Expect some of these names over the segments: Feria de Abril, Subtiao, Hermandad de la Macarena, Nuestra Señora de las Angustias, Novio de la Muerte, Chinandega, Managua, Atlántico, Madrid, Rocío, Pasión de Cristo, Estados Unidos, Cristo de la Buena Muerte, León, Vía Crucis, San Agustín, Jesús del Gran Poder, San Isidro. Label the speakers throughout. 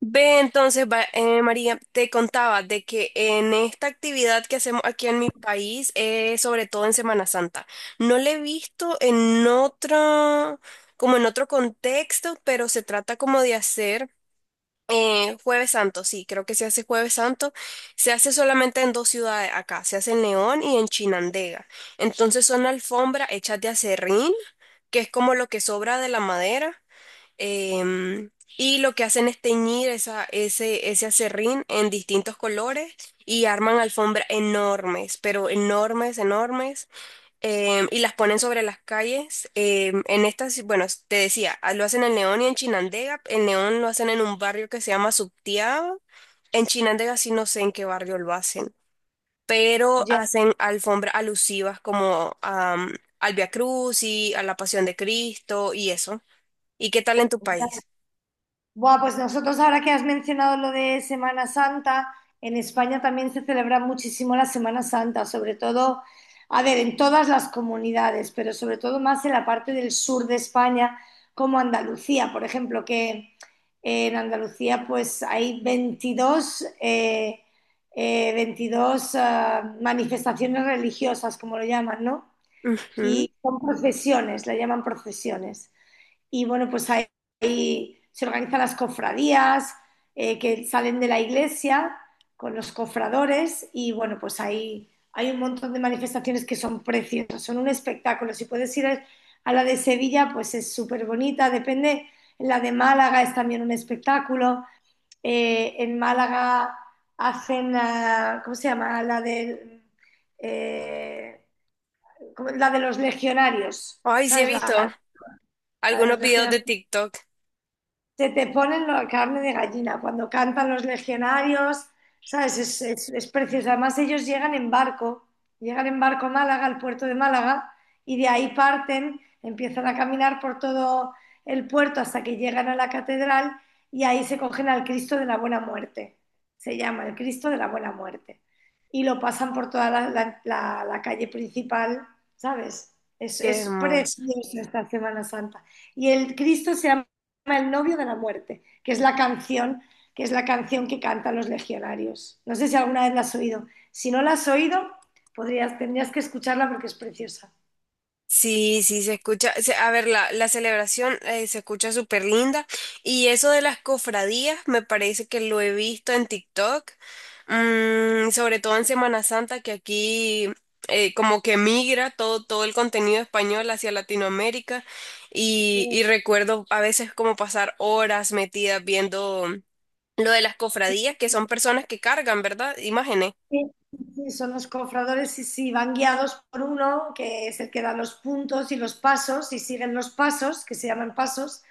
Speaker 1: Ve entonces, María, te contaba de que en esta actividad que hacemos aquí en mi país, sobre todo en Semana Santa, no la he visto en otro, como en otro contexto, pero se trata como de hacer Jueves Santo, sí, creo que se hace Jueves Santo, se hace solamente en dos ciudades acá, se hace en León y en Chinandega. Entonces son alfombras hechas de acerrín, que es como lo que sobra de la madera. Em, y lo que hacen es teñir ese acerrín en distintos colores y arman alfombras enormes, pero enormes, enormes, y las ponen sobre las calles. Em, en estas, bueno, te decía, lo hacen en León y en Chinandega. En León lo hacen en un barrio que se llama Subtiao. En Chinandega sí no sé en qué barrio lo hacen, pero
Speaker 2: Ya,
Speaker 1: hacen alfombras alusivas al Vía Crucis, a la Pasión de Cristo y eso. ¿Y qué tal en tu
Speaker 2: ya.
Speaker 1: país?
Speaker 2: Buah, pues nosotros ahora que has mencionado lo de Semana Santa, en España también se celebra muchísimo la Semana Santa, sobre todo, a ver, en todas las comunidades, pero sobre todo más en la parte del sur de España, como Andalucía, por ejemplo, que en Andalucía pues hay 22, 22 manifestaciones religiosas, como lo llaman, ¿no?
Speaker 1: Ujú.
Speaker 2: Y son procesiones, la llaman procesiones. Y bueno, pues ahí se organizan las cofradías que salen de la iglesia con los cofradores y bueno, pues ahí hay un montón de manifestaciones que son preciosas, son un espectáculo. Si puedes ir a la de Sevilla, pues es súper bonita, depende. La de Málaga es también un espectáculo. En Málaga hacen, ¿cómo se llama? Eh, la de los legionarios,
Speaker 1: Ay, sí he
Speaker 2: ¿sabes?
Speaker 1: visto
Speaker 2: La de los
Speaker 1: algunos videos de
Speaker 2: legionarios.
Speaker 1: TikTok.
Speaker 2: Se te ponen la carne de gallina cuando cantan los legionarios, ¿sabes? Es precioso. Además, ellos llegan en barco a Málaga, al puerto de Málaga, y de ahí parten, empiezan a caminar por todo el puerto hasta que llegan a la catedral y ahí se cogen al Cristo de la Buena Muerte. Se llama el Cristo de la Buena Muerte. Y lo pasan por toda la calle principal, ¿sabes?
Speaker 1: Qué
Speaker 2: Es
Speaker 1: hermoso.
Speaker 2: precioso esta Semana Santa. Y el Cristo se llama el novio de la muerte, que es la canción, que es la canción que cantan los legionarios. No sé si alguna vez la has oído. Si no la has oído, podrías, tendrías que escucharla porque es preciosa.
Speaker 1: Sí, sí, se escucha. A ver, la celebración se escucha súper linda. Y eso de las cofradías, me parece que lo he visto en TikTok. Mm, sobre todo en Semana Santa, que aquí como que migra todo el contenido español hacia Latinoamérica. Y recuerdo a veces como pasar horas metidas viendo lo de las
Speaker 2: Sí,
Speaker 1: cofradías, que son personas que cargan, ¿verdad? Imágenes.
Speaker 2: sí, sí, son los cofradores y sí, van guiados por uno, que es el que da los puntos y los pasos, y siguen los pasos, que se llaman pasos.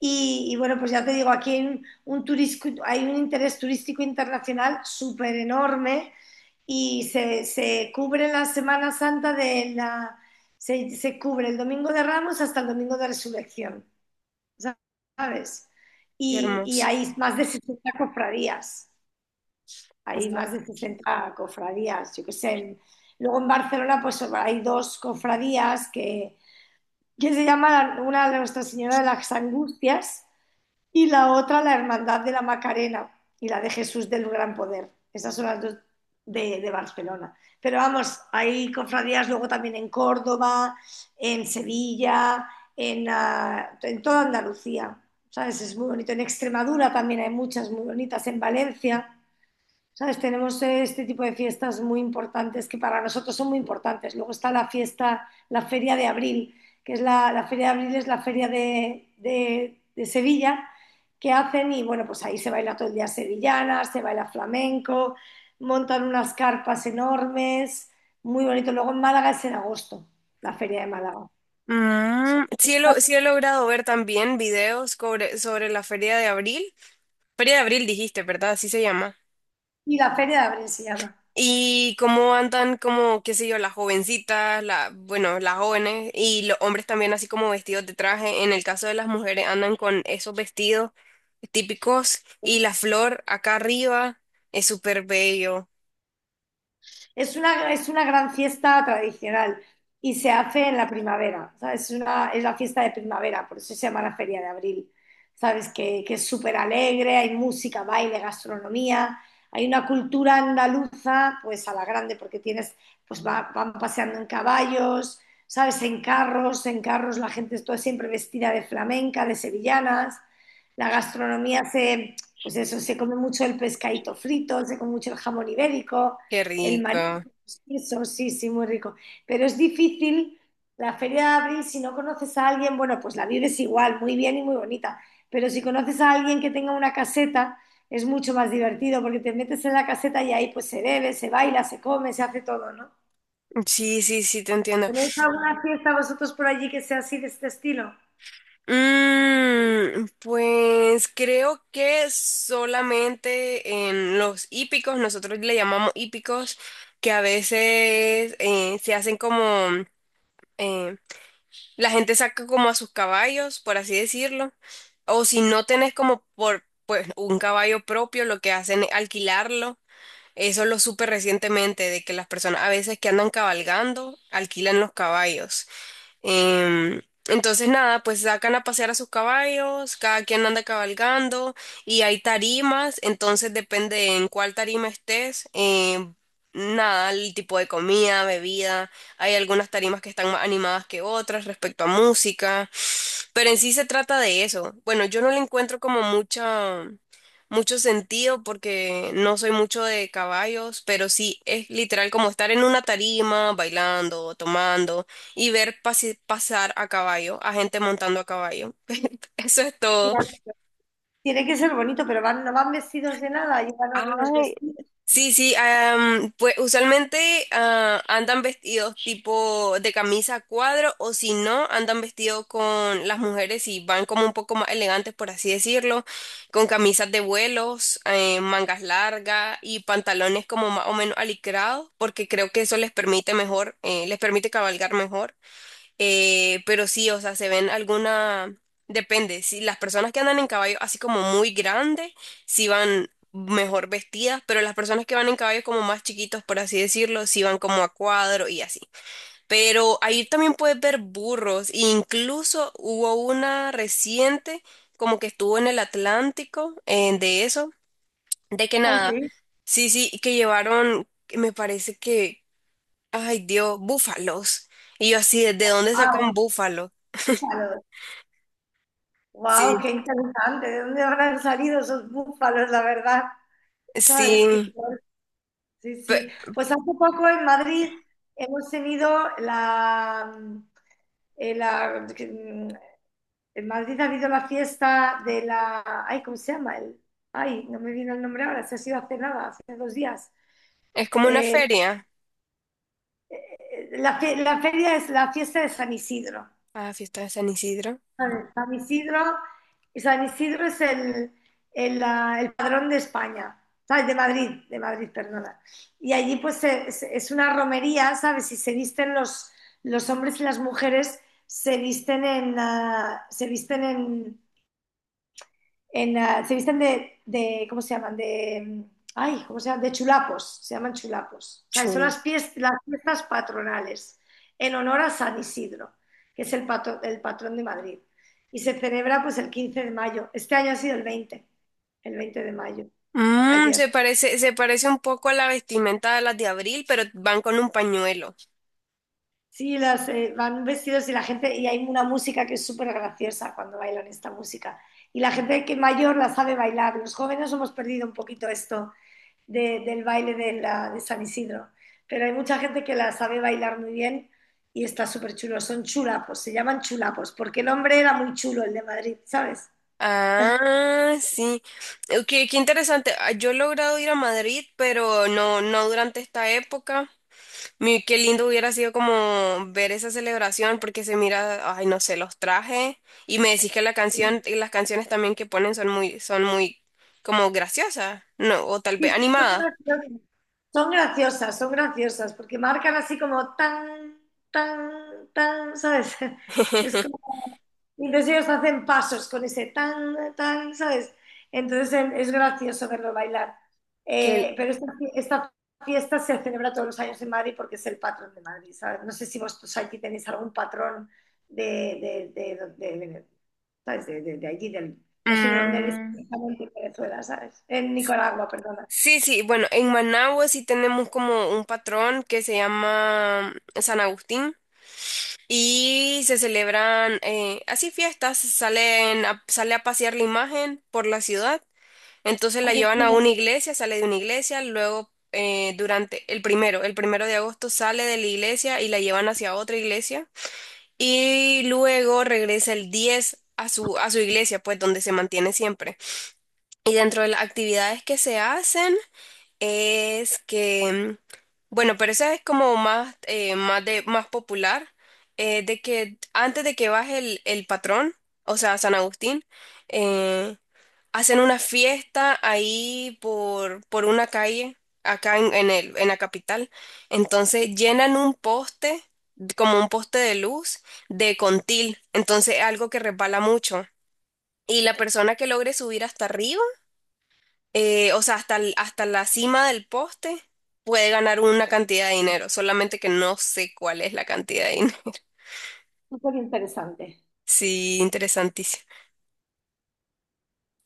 Speaker 2: Y bueno, pues ya te digo, aquí hay un turisco- hay un interés turístico internacional súper enorme y se cubre la Semana Santa de la... se cubre el Domingo de Ramos hasta el Domingo de Resurrección, ¿sabes?
Speaker 1: Qué
Speaker 2: Y
Speaker 1: hermoso.
Speaker 2: hay más de 60 cofradías, hay
Speaker 1: Buah.
Speaker 2: más de 60 cofradías, yo qué sé. Luego en Barcelona pues hay dos cofradías que se llama una de Nuestra Señora de las Angustias y la otra la Hermandad de la Macarena y la de Jesús del Gran Poder. Esas son las dos de Barcelona. Pero vamos, hay cofradías luego también en Córdoba, en Sevilla, en, en toda Andalucía. ¿Sabes? Es muy bonito. En Extremadura también hay muchas muy bonitas, en Valencia. ¿Sabes? Tenemos este tipo de fiestas muy importantes que para nosotros son muy importantes. Luego está la fiesta, la Feria de Abril, que es la Feria de Abril, es la Feria de Sevilla que hacen y bueno, pues ahí se baila todo el día sevillana, se baila flamenco, montan unas carpas enormes, muy bonito. Luego en Málaga es en agosto, la Feria de Málaga. Eso.
Speaker 1: Mm, sí, sí he logrado ver también videos sobre la Feria de Abril. Feria de Abril dijiste, ¿verdad? Así se llama.
Speaker 2: Y la Feria de Abril se llama.
Speaker 1: Y cómo andan como, qué sé yo, las jovencitas, bueno, las jóvenes y los hombres también así como vestidos de traje. En el caso de las mujeres andan con esos vestidos típicos y la flor acá arriba es súper bello.
Speaker 2: Es una gran fiesta tradicional y se hace en la primavera, ¿sabes? Es, una, es la fiesta de primavera, por eso se llama la Feria de Abril, ¿sabes? Que es súper alegre, hay música, baile, gastronomía, hay una cultura andaluza, pues a la grande, porque tienes, pues van paseando en caballos, ¿sabes? En carros la gente está siempre vestida de flamenca, de sevillanas, la gastronomía se, pues eso, se come mucho el pescadito frito, se come mucho el jamón ibérico,
Speaker 1: Qué
Speaker 2: el marisco
Speaker 1: rico.
Speaker 2: eso sí, sí, muy rico. Pero es difícil la feria de abril si no conoces a alguien, bueno, pues la vives igual, muy bien y muy bonita. Pero si conoces a alguien que tenga una caseta, es mucho más divertido porque te metes en la caseta y ahí pues se bebe, se baila, se come, se hace todo, ¿no?
Speaker 1: Sí, sí, sí, te entiendo.
Speaker 2: ¿Tenéis alguna fiesta vosotros por allí que sea así de este estilo?
Speaker 1: Mm, pues creo que solamente en los hípicos, nosotros le llamamos hípicos, que a veces eh, la gente saca como a sus caballos, por así decirlo, o si no tenés como por pues, un caballo propio, lo que hacen es alquilarlo. Eso lo supe recientemente, de que las personas a veces que andan cabalgando alquilan los caballos. Em, entonces, nada, pues sacan a pasear a sus caballos, cada quien anda cabalgando y hay tarimas, entonces depende en cuál tarima estés, nada, el tipo de comida, bebida, hay algunas tarimas que están más animadas que otras respecto a música, pero en sí se trata de eso. Bueno, yo no le encuentro como mucho sentido porque no soy mucho de caballos, pero sí es literal como estar en una tarima, bailando, tomando y ver pasar a caballo, a gente montando a caballo. Eso es todo.
Speaker 2: Mira, tiene que ser bonito, pero van, no van vestidos de nada, llevan algunos
Speaker 1: Ay,
Speaker 2: vestidos.
Speaker 1: sí, sí, pues usualmente andan vestidos tipo de camisa a cuadro o si no, andan vestidos con las mujeres y van como un poco más elegantes, por así decirlo, con camisas de vuelos, mangas largas y pantalones como más o menos alicrados, porque creo que eso les permite mejor, les permite cabalgar mejor. Pero sí, o sea, se ven alguna, depende, si las personas que andan en caballo así como muy grandes, sí van mejor vestidas, pero las personas que van en caballos como más chiquitos, por así decirlo, sí van como a cuadro y así. Pero ahí también puedes ver burros, e incluso hubo una reciente, como que estuvo en el Atlántico, de eso, de que
Speaker 2: Ah,
Speaker 1: nada,
Speaker 2: sí.
Speaker 1: sí, sí, que llevaron, me parece que, ay Dios, búfalos. Y yo así, ¿de dónde sacan búfalos?
Speaker 2: Wow, qué
Speaker 1: Sí,
Speaker 2: interesante. ¿De dónde habrán salido esos búfalos, la verdad? ¿Sabes qué?
Speaker 1: sí,
Speaker 2: Guay. Sí,
Speaker 1: pe-
Speaker 2: sí. Pues hace poco en Madrid hemos tenido eh, la- en Madrid ha habido la fiesta de la, ay, ¿cómo se llama? El, ay, no me viene el nombre ahora, se ha sido hace nada, hace dos días.
Speaker 1: es como una
Speaker 2: Eh,
Speaker 1: feria.
Speaker 2: la, la feria es la fiesta de San Isidro.
Speaker 1: Ah, fiesta de San Isidro.
Speaker 2: Vale, San Isidro, San Isidro es el padrón de España, ¿sabes? De Madrid, perdona. Y allí pues es una romería, ¿sabes? Y se visten los hombres y las mujeres, se visten se visten se visten ¿cómo se llaman? ¿Cómo se llaman? De chulapos, se llaman chulapos. O sea, son
Speaker 1: Chul.
Speaker 2: las fiestas patronales en honor a San Isidro, que es el patrón de Madrid. Y se celebra pues el 15 de mayo. Este año ha sido el 20 de mayo,
Speaker 1: Mm,
Speaker 2: ayer.
Speaker 1: se parece un poco a la vestimenta de las de abril, pero van con un pañuelo.
Speaker 2: Sí, las, van vestidos y la gente, y hay una música que es súper graciosa cuando bailan esta música. Y la gente que mayor la sabe bailar. Los jóvenes hemos perdido un poquito esto del baile de San Isidro. Pero hay mucha gente que la sabe bailar muy bien y está súper chulo. Son chulapos, se llaman chulapos, porque el hombre era muy chulo, el de Madrid, ¿sabes?
Speaker 1: Ah, sí. Qué interesante. Yo he logrado ir a Madrid, pero no durante esta época. Qué lindo hubiera sido como ver esa celebración porque se mira, ay, no sé, los trajes y me decís que la canción y las canciones también que ponen son muy como graciosas, no, o tal
Speaker 2: Sí,
Speaker 1: vez
Speaker 2: sí, son
Speaker 1: animadas.
Speaker 2: graciosas, son graciosas, son graciosas, porque marcan así como tan, tan, tan, ¿sabes? Es como, y entonces ellos hacen pasos con ese tan, tan, ¿sabes? Entonces es gracioso verlo bailar.
Speaker 1: Que,
Speaker 2: Pero esta, esta fiesta se celebra todos los años en Madrid porque es el patrón de Madrid, ¿sabes? No sé si vosotros aquí tenéis algún patrón de, de, de, de- de- ¿sabes? De allí, del, no sé de dónde eres
Speaker 1: mm,
Speaker 2: exactamente en Venezuela, ¿sabes? En Nicaragua, perdona.
Speaker 1: sí, sí, bueno, en Managua sí tenemos como un patrón que se llama San Agustín y se celebran así fiestas, sale a pasear la imagen por la ciudad. Entonces
Speaker 2: Ah,
Speaker 1: la
Speaker 2: qué
Speaker 1: llevan a
Speaker 2: chulo,
Speaker 1: una iglesia, sale de una iglesia, luego durante el primero, el 1 de agosto sale de la iglesia y la llevan hacia otra iglesia y luego regresa el 10 a su, iglesia, pues donde se mantiene siempre. Y dentro de las actividades que se hacen es que, bueno, pero esa es como más, más popular, de que antes de que baje el, patrón, o sea, San Agustín, eh, Hacen una fiesta ahí por una calle, acá en la capital. Entonces llenan un poste, como un poste de luz, de contil. Entonces algo que resbala mucho. Y la persona que logre subir hasta arriba, o sea, hasta la cima del poste, puede ganar una cantidad de dinero. Solamente que no sé cuál es la cantidad de dinero.
Speaker 2: súper interesante.
Speaker 1: Sí, interesantísimo.